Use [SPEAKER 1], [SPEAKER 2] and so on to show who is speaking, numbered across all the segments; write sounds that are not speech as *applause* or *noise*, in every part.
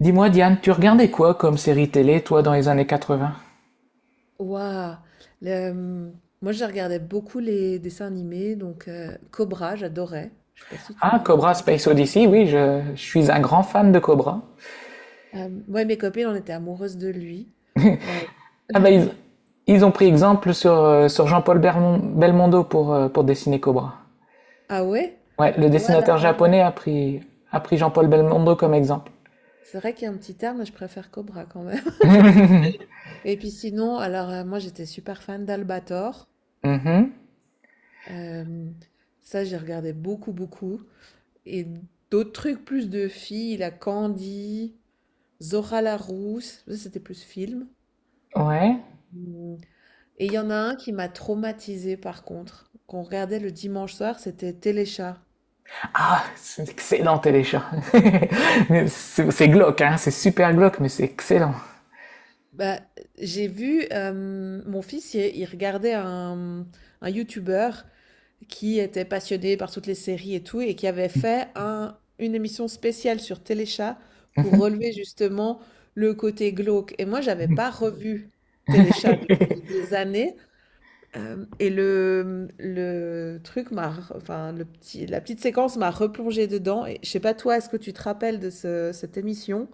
[SPEAKER 1] Dis-moi, Diane, tu regardais quoi comme série télé, toi, dans les années 80?
[SPEAKER 2] Waouh! Moi, je regardais beaucoup les dessins animés, donc Cobra, j'adorais. Je sais pas si tu
[SPEAKER 1] Ah,
[SPEAKER 2] vois?
[SPEAKER 1] Cobra Space Odyssey, oui, je suis un grand fan de Cobra.
[SPEAKER 2] Moi et mes copines, on était amoureuses de lui. Heu
[SPEAKER 1] Ah bah,
[SPEAKER 2] *laughs*
[SPEAKER 1] ils ont pris exemple sur Jean-Paul Belmondo pour dessiner Cobra.
[SPEAKER 2] ah ouais?
[SPEAKER 1] Ouais, le
[SPEAKER 2] Ouais, alors,
[SPEAKER 1] dessinateur japonais a pris Jean-Paul Belmondo comme exemple.
[SPEAKER 2] c'est vrai qu'il y a un petit terme, mais je préfère Cobra quand même. *laughs* Et puis sinon, alors, moi, j'étais super fan d'Albator.
[SPEAKER 1] Mhm,
[SPEAKER 2] Hem, Ça, j'ai regardé beaucoup, beaucoup, et d'autres trucs plus de filles, la Candy, Zora la Rousse, ça, c'était plus film.
[SPEAKER 1] ouais.
[SPEAKER 2] Mmh Et il y en a un qui m'a traumatisée par contre, qu'on regardait le dimanche soir, c'était Téléchat.
[SPEAKER 1] Ah, c'est excellent, Téléchat. *laughs* Mais c'est glauque, hein, c'est super glauque, mais c'est excellent.
[SPEAKER 2] Bah, j'ai vu mon fils, il regardait un YouTuber qui était passionné par toutes les séries et tout, et qui avait fait une émission spéciale sur Téléchat pour relever justement le côté glauque. Et moi, j'avais pas revu Téléchat depuis des années. Hem Et le truc m'a r enfin le petit la petite séquence m'a replongé dedans, et je sais pas toi, est-ce que tu te rappelles de ce cette émission?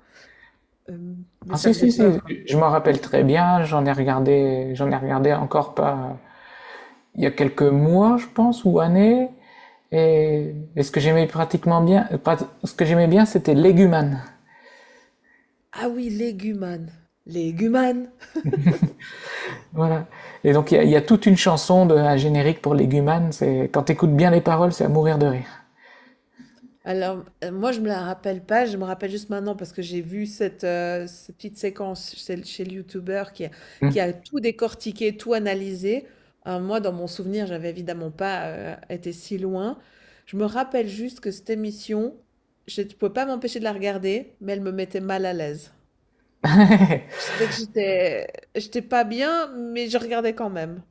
[SPEAKER 2] Mais
[SPEAKER 1] Ah,
[SPEAKER 2] ça
[SPEAKER 1] si,
[SPEAKER 2] faisait
[SPEAKER 1] si,
[SPEAKER 2] peur.
[SPEAKER 1] si, je m'en rappelle très bien, j'en ai regardé encore pas, il y a quelques mois, je pense, ou années. Et ce que j'aimais pratiquement bien, ce que j'aimais bien, c'était Légumane.
[SPEAKER 2] Ah oui, Leguman. Leguman!
[SPEAKER 1] Voilà. Et donc, y a toute une chanson de un générique pour Légumane. C'est quand t'écoutes bien les paroles, c'est à mourir de rire.
[SPEAKER 2] Alors, moi, je me la rappelle pas, je me rappelle juste maintenant parce que j'ai vu cette, cette petite séquence chez le youtubeur qui a tout décortiqué, tout analysé. Moi, dans mon souvenir, j'avais évidemment pas, été si loin. Je me rappelle juste que cette émission, je pouvais pas m'empêcher de la regarder, mais elle me mettait mal à l'aise. Je
[SPEAKER 1] *laughs*
[SPEAKER 2] sais que j'étais pas bien, mais je regardais quand même.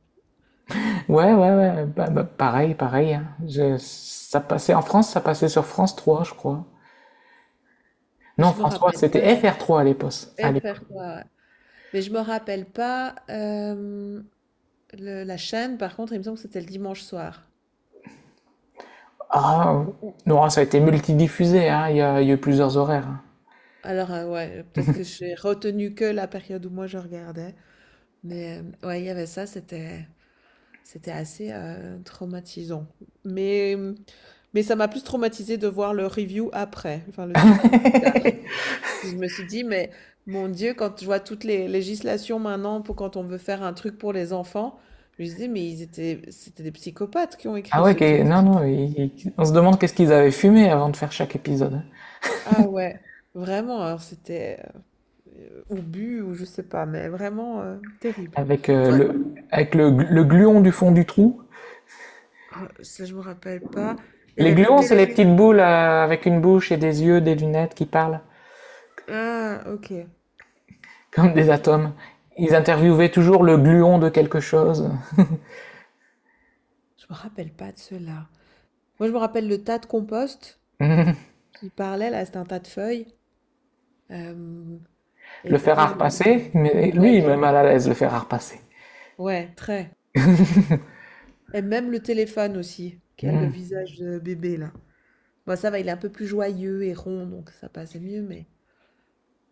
[SPEAKER 1] Ouais, ouais, ouais. Bah, bah, pareil, pareil, hein. Ça passait en France, ça passait sur France 3, je crois. Non,
[SPEAKER 2] Je me
[SPEAKER 1] France 3,
[SPEAKER 2] rappelle pas
[SPEAKER 1] c'était
[SPEAKER 2] c
[SPEAKER 1] FR3 à l'époque. À l'époque.
[SPEAKER 2] FR3, ouais. Mais je me rappelle pas. Hem Le la chaîne, par contre, il me semble que c'était le dimanche soir.
[SPEAKER 1] Ah, non, ça a été multidiffusé, hein. Il y a eu plusieurs horaires, hein.
[SPEAKER 2] Alors, ouais, peut-être que j'ai retenu que la période où moi je regardais, mais, ouais, il y avait ça, c'était assez, traumatisant. Mais, mais ça m'a plus traumatisé de voir le review après, enfin le truc plus tard. Puis je me suis dit: «Mais mon Dieu», quand je vois toutes les législations maintenant pour quand on veut faire un truc pour les enfants, je me suis dit: «Mais ils étaient c'était des psychopathes qui ont
[SPEAKER 1] Ah
[SPEAKER 2] écrit
[SPEAKER 1] ouais,
[SPEAKER 2] ce
[SPEAKER 1] ok. Non,
[SPEAKER 2] truc».
[SPEAKER 1] non, on se demande qu'est-ce qu'ils avaient fumé avant de faire chaque épisode, hein.
[SPEAKER 2] Ah ouais, vraiment, alors c'était ou bu ou je sais pas, mais vraiment, terrible. Toi
[SPEAKER 1] Avec le gluon du fond du trou.
[SPEAKER 2] Ah, ça, je me rappelle pas. Il y
[SPEAKER 1] Les
[SPEAKER 2] avait le
[SPEAKER 1] gluons, c'est les
[SPEAKER 2] téléphone.
[SPEAKER 1] petites boules avec une bouche et des yeux, des lunettes qui parlent,
[SPEAKER 2] Ah, OK.
[SPEAKER 1] *laughs* comme des atomes. Ils interviewaient toujours le gluon de quelque chose.
[SPEAKER 2] Je me rappelle pas de cela. Moi, je me rappelle le tas de compost qui parlait là, c'était un tas de feuilles. Hem
[SPEAKER 1] Le
[SPEAKER 2] Et
[SPEAKER 1] fer à
[SPEAKER 2] puis le
[SPEAKER 1] repasser, mais
[SPEAKER 2] ouais,
[SPEAKER 1] lui,
[SPEAKER 2] le
[SPEAKER 1] il
[SPEAKER 2] fer
[SPEAKER 1] met
[SPEAKER 2] à
[SPEAKER 1] mal à l'aise, le fer à repasser.
[SPEAKER 2] ouais, très et même le téléphone aussi, qui a le visage de bébé là. Bon, ça va, il est un peu plus joyeux et rond, donc ça passait mieux, mais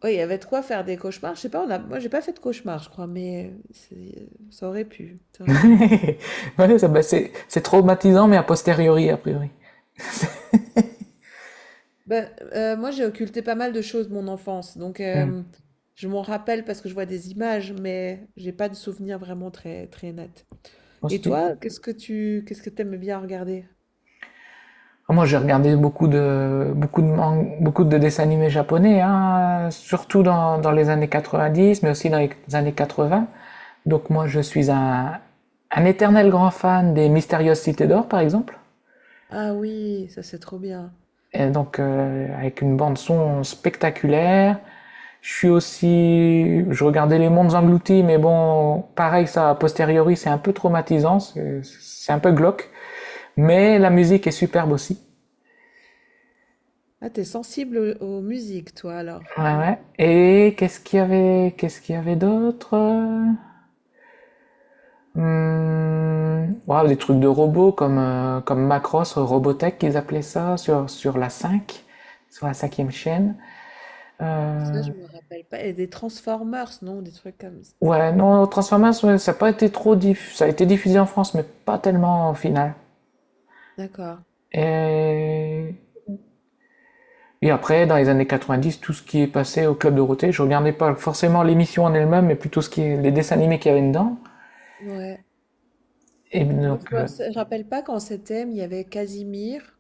[SPEAKER 2] ouais, il y avait de quoi faire des cauchemars. Je sais pas, on a moi, j'ai pas fait de cauchemars, je crois, mais c'est ça aurait pu, ça
[SPEAKER 1] *laughs*
[SPEAKER 2] aurait pu.
[SPEAKER 1] Ouais, ça, bah, c'est traumatisant, mais a posteriori, a priori.
[SPEAKER 2] Ben, moi, j'ai occulté pas mal de choses de mon enfance, donc
[SPEAKER 1] Hmm.
[SPEAKER 2] je m'en rappelle parce que je vois des images, mais j'ai pas de souvenirs vraiment très très nets. Et
[SPEAKER 1] Aussi.
[SPEAKER 2] toi, qu'est-ce que t'aimes bien regarder?
[SPEAKER 1] Ah, moi, j'ai regardé beaucoup de dessins animés japonais, hein, surtout dans les années 90, mais aussi dans les années 80. Donc moi, je suis un éternel grand fan des Mystérieuses Cités d'Or, par exemple.
[SPEAKER 2] Ah oui, ça, c'est trop bien.
[SPEAKER 1] Et donc, avec une bande son spectaculaire. Je suis aussi, je regardais Les Mondes Engloutis, mais bon, pareil, ça, a posteriori, c'est un peu traumatisant, c'est un peu glauque. Mais la musique est superbe aussi.
[SPEAKER 2] Ah, t'es sensible aux musiques, toi, alors?
[SPEAKER 1] Ouais,
[SPEAKER 2] Ouais.
[SPEAKER 1] ouais. Et qu'est-ce qu'il y avait, qu'est-ce qu'il y avait d'autre? Ouais, des trucs de robots comme Macross, Robotech, qu'ils appelaient ça, sur la 5, sur la cinquième chaîne.
[SPEAKER 2] Ça,
[SPEAKER 1] Euh,
[SPEAKER 2] je me rappelle pas. Et des Transformers, non? Des trucs comme s
[SPEAKER 1] ouais, non, Transformers, ouais, ça a pas été ça a été diffusé en France, mais pas tellement au final.
[SPEAKER 2] D'accord.
[SPEAKER 1] Et... et après, dans les années 90, tout ce qui est passé au Club Dorothée, je regardais pas forcément l'émission en elle-même, mais plutôt ce qui est... les dessins animés qu'il y avait dedans.
[SPEAKER 2] Ouais.
[SPEAKER 1] Et
[SPEAKER 2] Moi,
[SPEAKER 1] donc,
[SPEAKER 2] je me s rappelle pas quand c'était, mais il y avait Casimir.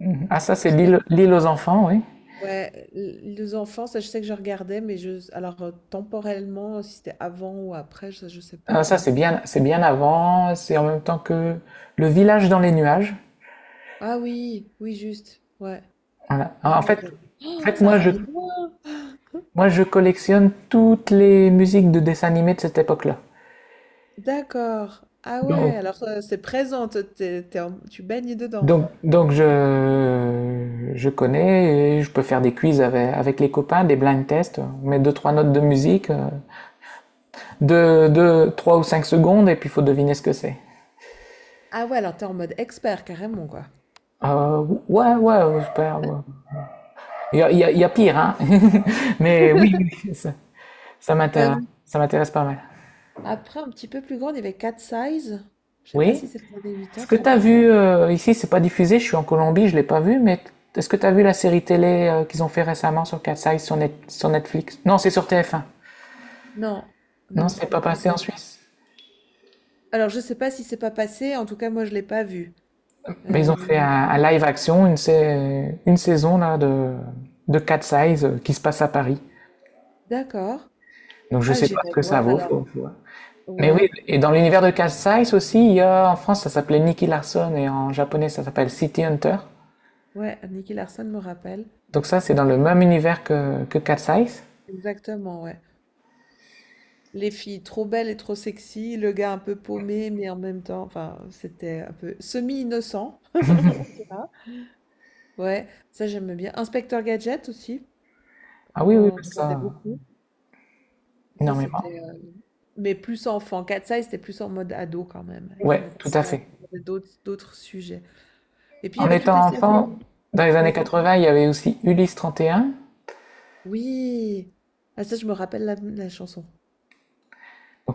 [SPEAKER 1] mhm. Ah, ça, c'est l'île aux enfants, oui.
[SPEAKER 2] Ouais, l les enfants, ça je sais que je regardais, mais je alors, temporellement, si c'était avant ou après, ça je sais
[SPEAKER 1] Ah,
[SPEAKER 2] pas.
[SPEAKER 1] ça, c'est bien avant. C'est en même temps que le village dans les nuages.
[SPEAKER 2] Ah oui, oui juste, ouais.
[SPEAKER 1] Voilà.
[SPEAKER 2] Ah
[SPEAKER 1] Ah, en fait,
[SPEAKER 2] ouais.
[SPEAKER 1] en
[SPEAKER 2] Oh,
[SPEAKER 1] fait,
[SPEAKER 2] ça ramène loin!
[SPEAKER 1] moi, je collectionne toutes les musiques de dessins animés de cette époque-là.
[SPEAKER 2] D'accord. Ah
[SPEAKER 1] Donc,
[SPEAKER 2] ouais, alors, c'est présent, t'es t'es es tu en tu baignes dedans.
[SPEAKER 1] donc je connais et je peux faire des quiz avec les copains, des blind tests. On met deux, trois notes de musique, de trois ou cinq secondes et puis il faut deviner ce que c'est.
[SPEAKER 2] Ah ouais, alors t'es en mode expert carrément, quoi.
[SPEAKER 1] Ouais, ouais, ouais, super, ouais. Il y a pire, hein. *laughs* Mais oui, oui, oui, ça m'intéresse.
[SPEAKER 2] Hem,
[SPEAKER 1] Ça m'intéresse pas mal.
[SPEAKER 2] Après un petit peu plus grande, il y avait Cat Size. Je sais pas
[SPEAKER 1] Oui.
[SPEAKER 2] si c'est les années
[SPEAKER 1] Est-ce que
[SPEAKER 2] 80
[SPEAKER 1] tu as
[SPEAKER 2] encore?
[SPEAKER 1] vu, ici, c'est pas diffusé, je suis en Colombie, je l'ai pas vu, mais est-ce que tu as vu la série télé qu'ils ont fait récemment sur Cat's Eyes, sur Netflix? Non, c'est sur TF1.
[SPEAKER 2] Non,
[SPEAKER 1] Non,
[SPEAKER 2] non,
[SPEAKER 1] c'est pas
[SPEAKER 2] j'ai pas
[SPEAKER 1] passé en
[SPEAKER 2] regardé.
[SPEAKER 1] Suisse.
[SPEAKER 2] Alors je sais pas si c'est pas passé, en tout cas moi je l'ai pas vu.
[SPEAKER 1] Mais ils
[SPEAKER 2] Hem,
[SPEAKER 1] ont fait un live action, une saison là, de Cat's Eyes qui se passe à Paris.
[SPEAKER 2] d'accord.
[SPEAKER 1] Donc je
[SPEAKER 2] Ah,
[SPEAKER 1] sais pas ce
[SPEAKER 2] j'irai
[SPEAKER 1] que ça
[SPEAKER 2] voir
[SPEAKER 1] vaut,
[SPEAKER 2] alors.
[SPEAKER 1] faut voir. Mais oui,
[SPEAKER 2] Ouais,
[SPEAKER 1] et dans l'univers de Cast Size aussi, il y a, en France, ça s'appelait Nicky Larson et en japonais, ça s'appelle City Hunter.
[SPEAKER 2] ouais, Nicky Larson me rappelle.
[SPEAKER 1] Donc ça, c'est dans le même univers que Cat Size.
[SPEAKER 2] Exactement, ouais. Les filles trop belles et trop sexy, le gars un peu paumé, mais en même temps, enfin, c'était un peu semi-innocent. *laughs* Tu vois. Ouais, ça j'aime bien. Inspecteur Gadget aussi,
[SPEAKER 1] Ah oui, oui,
[SPEAKER 2] on regardait
[SPEAKER 1] ça,
[SPEAKER 2] beaucoup. Ça
[SPEAKER 1] énormément.
[SPEAKER 2] c'était, mais plus enfant. Cat Size, c'était plus en mode ado quand même. Ça,
[SPEAKER 1] Ouais, tout à
[SPEAKER 2] ça
[SPEAKER 1] fait.
[SPEAKER 2] abordait d'autres sujets. Et puis il y
[SPEAKER 1] En
[SPEAKER 2] avait toutes les
[SPEAKER 1] étant
[SPEAKER 2] séries,
[SPEAKER 1] enfant,
[SPEAKER 2] hein.
[SPEAKER 1] dans les années
[SPEAKER 2] Vas-y.
[SPEAKER 1] 80, il y avait aussi Ulysse 31.
[SPEAKER 2] Oui. Ah, ça je me rappelle la chanson.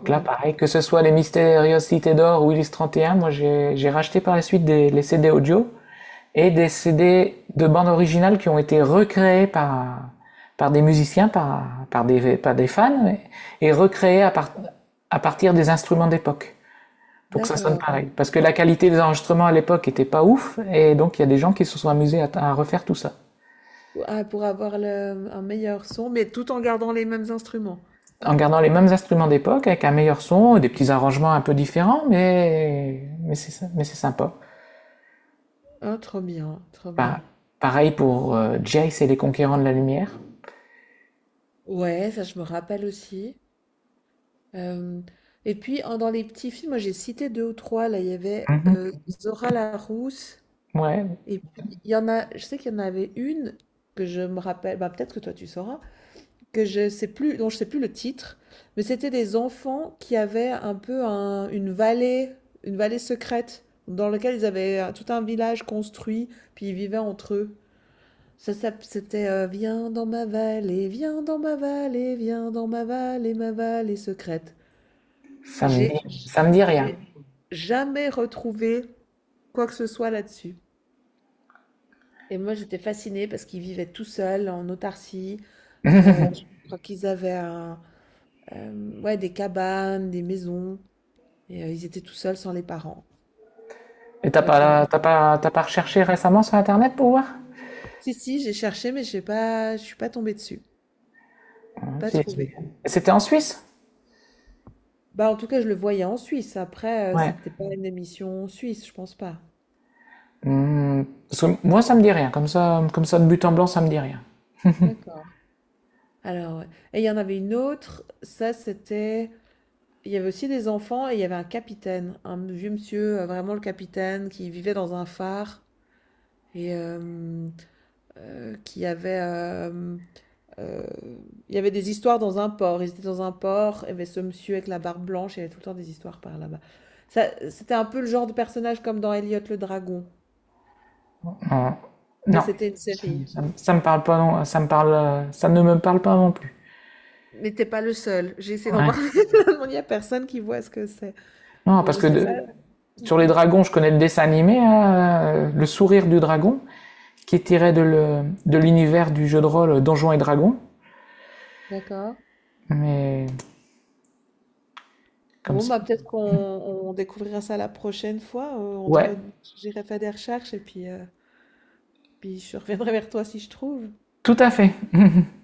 [SPEAKER 2] Je me
[SPEAKER 1] là,
[SPEAKER 2] rappelle.
[SPEAKER 1] pareil, que ce soit les Mystérieuses Cités d'Or ou Ulysse 31, moi, j'ai racheté par la suite des, les CD audio, et des CD de bandes originales qui ont été recréés par des musiciens, par des fans, et recréés à partir des instruments d'époque, pour que ça sonne
[SPEAKER 2] D'accord.
[SPEAKER 1] pareil. Parce que la qualité des enregistrements à l'époque était pas ouf, et donc il y a des gens qui se sont amusés à refaire tout ça.
[SPEAKER 2] Ou Ah, pour avoir le un meilleur son, mais tout en gardant les mêmes instruments?
[SPEAKER 1] En gardant les mêmes instruments d'époque, avec un meilleur son, des
[SPEAKER 2] Mmh.
[SPEAKER 1] petits arrangements un peu différents, mais c'est sympa.
[SPEAKER 2] Ah, trop bien, trop
[SPEAKER 1] Bah,
[SPEAKER 2] bien.
[SPEAKER 1] pareil pour Jace et les Conquérants de la Lumière.
[SPEAKER 2] Ouais, ça, je me rappelle aussi. Hem Et puis, en dans les petits films, moi, j'ai cité 2 ou 3 là, il y avait,
[SPEAKER 1] Mm -hmm.
[SPEAKER 2] Zora Larousse,
[SPEAKER 1] Ouais,
[SPEAKER 2] et puis il y en a, je sais qu'il y en avait une que je me rappelle, bah, peut-être que toi, tu sauras. Que je sais plus Dont je sais plus le titre, mais c'était des enfants qui avaient un peu une vallée secrète dans laquelle ils avaient tout un village construit, puis ils vivaient entre eux. Ça, c'était Viens dans ma vallée, viens dans ma vallée, viens dans ma vallée secrète. J'ai
[SPEAKER 1] ça me dit rien.
[SPEAKER 2] j'ai jamais retrouvé quoi que ce soit là-dessus. Et moi, j'étais fascinée parce qu'ils vivaient tout seuls en autarcie. Je crois qu'ils avaient ouais, des cabanes, des maisons. Et ils étaient tout seuls sans les parents.
[SPEAKER 1] Et
[SPEAKER 2] Leur rêve.
[SPEAKER 1] t'as pas recherché récemment sur Internet pour voir.
[SPEAKER 2] Si, si, j'ai cherché, mais j'ai pas, je suis pas tombée dessus. Pas
[SPEAKER 1] Si, si.
[SPEAKER 2] trouvé.
[SPEAKER 1] C'était en Suisse.
[SPEAKER 2] Bah, en tout cas, je le voyais en Suisse. Après,
[SPEAKER 1] Ouais.
[SPEAKER 2] c'était pas une émission suisse, je pense pas.
[SPEAKER 1] Hmm, parce que moi, ça me dit rien. Comme ça, de but en blanc, ça me dit rien.
[SPEAKER 2] D'accord. Alors, ouais. Et il y en avait une autre. Ça, c'était. Il y avait aussi des enfants et il y avait un capitaine, un vieux monsieur, vraiment le capitaine, qui vivait dans un phare et qui avait. Euh, il y avait des histoires dans un port. Ils étaient dans un port, il y avait ce monsieur avec la barbe blanche, il y avait tout le temps des histoires par là-bas. Ça, c'était un peu le genre de personnage comme dans Elliot le dragon,
[SPEAKER 1] Non.
[SPEAKER 2] mais
[SPEAKER 1] Non.
[SPEAKER 2] c'était une série.
[SPEAKER 1] Ça me parle pas non. Ça me parle, ça ne me parle pas non plus.
[SPEAKER 2] Mais t'es pas le seul. J'ai essayé d'en
[SPEAKER 1] Ouais.
[SPEAKER 2] parler. *laughs* Il y a personne qui voit ce que c'est.
[SPEAKER 1] Non,
[SPEAKER 2] Donc
[SPEAKER 1] parce
[SPEAKER 2] je
[SPEAKER 1] que
[SPEAKER 2] sais pas.
[SPEAKER 1] sur les dragons, je connais le dessin animé, hein, le sourire du dragon, qui est tiré de de l'univers du jeu de rôle Donjons et Dragons.
[SPEAKER 2] D'accord.
[SPEAKER 1] Mais comme
[SPEAKER 2] Bon,
[SPEAKER 1] ça.
[SPEAKER 2] bah peut-être qu'on découvrira ça la prochaine fois.
[SPEAKER 1] Ouais.
[SPEAKER 2] J'irai faire des recherches, et puis, puis je reviendrai vers toi si je trouve.
[SPEAKER 1] Tout à fait. *laughs*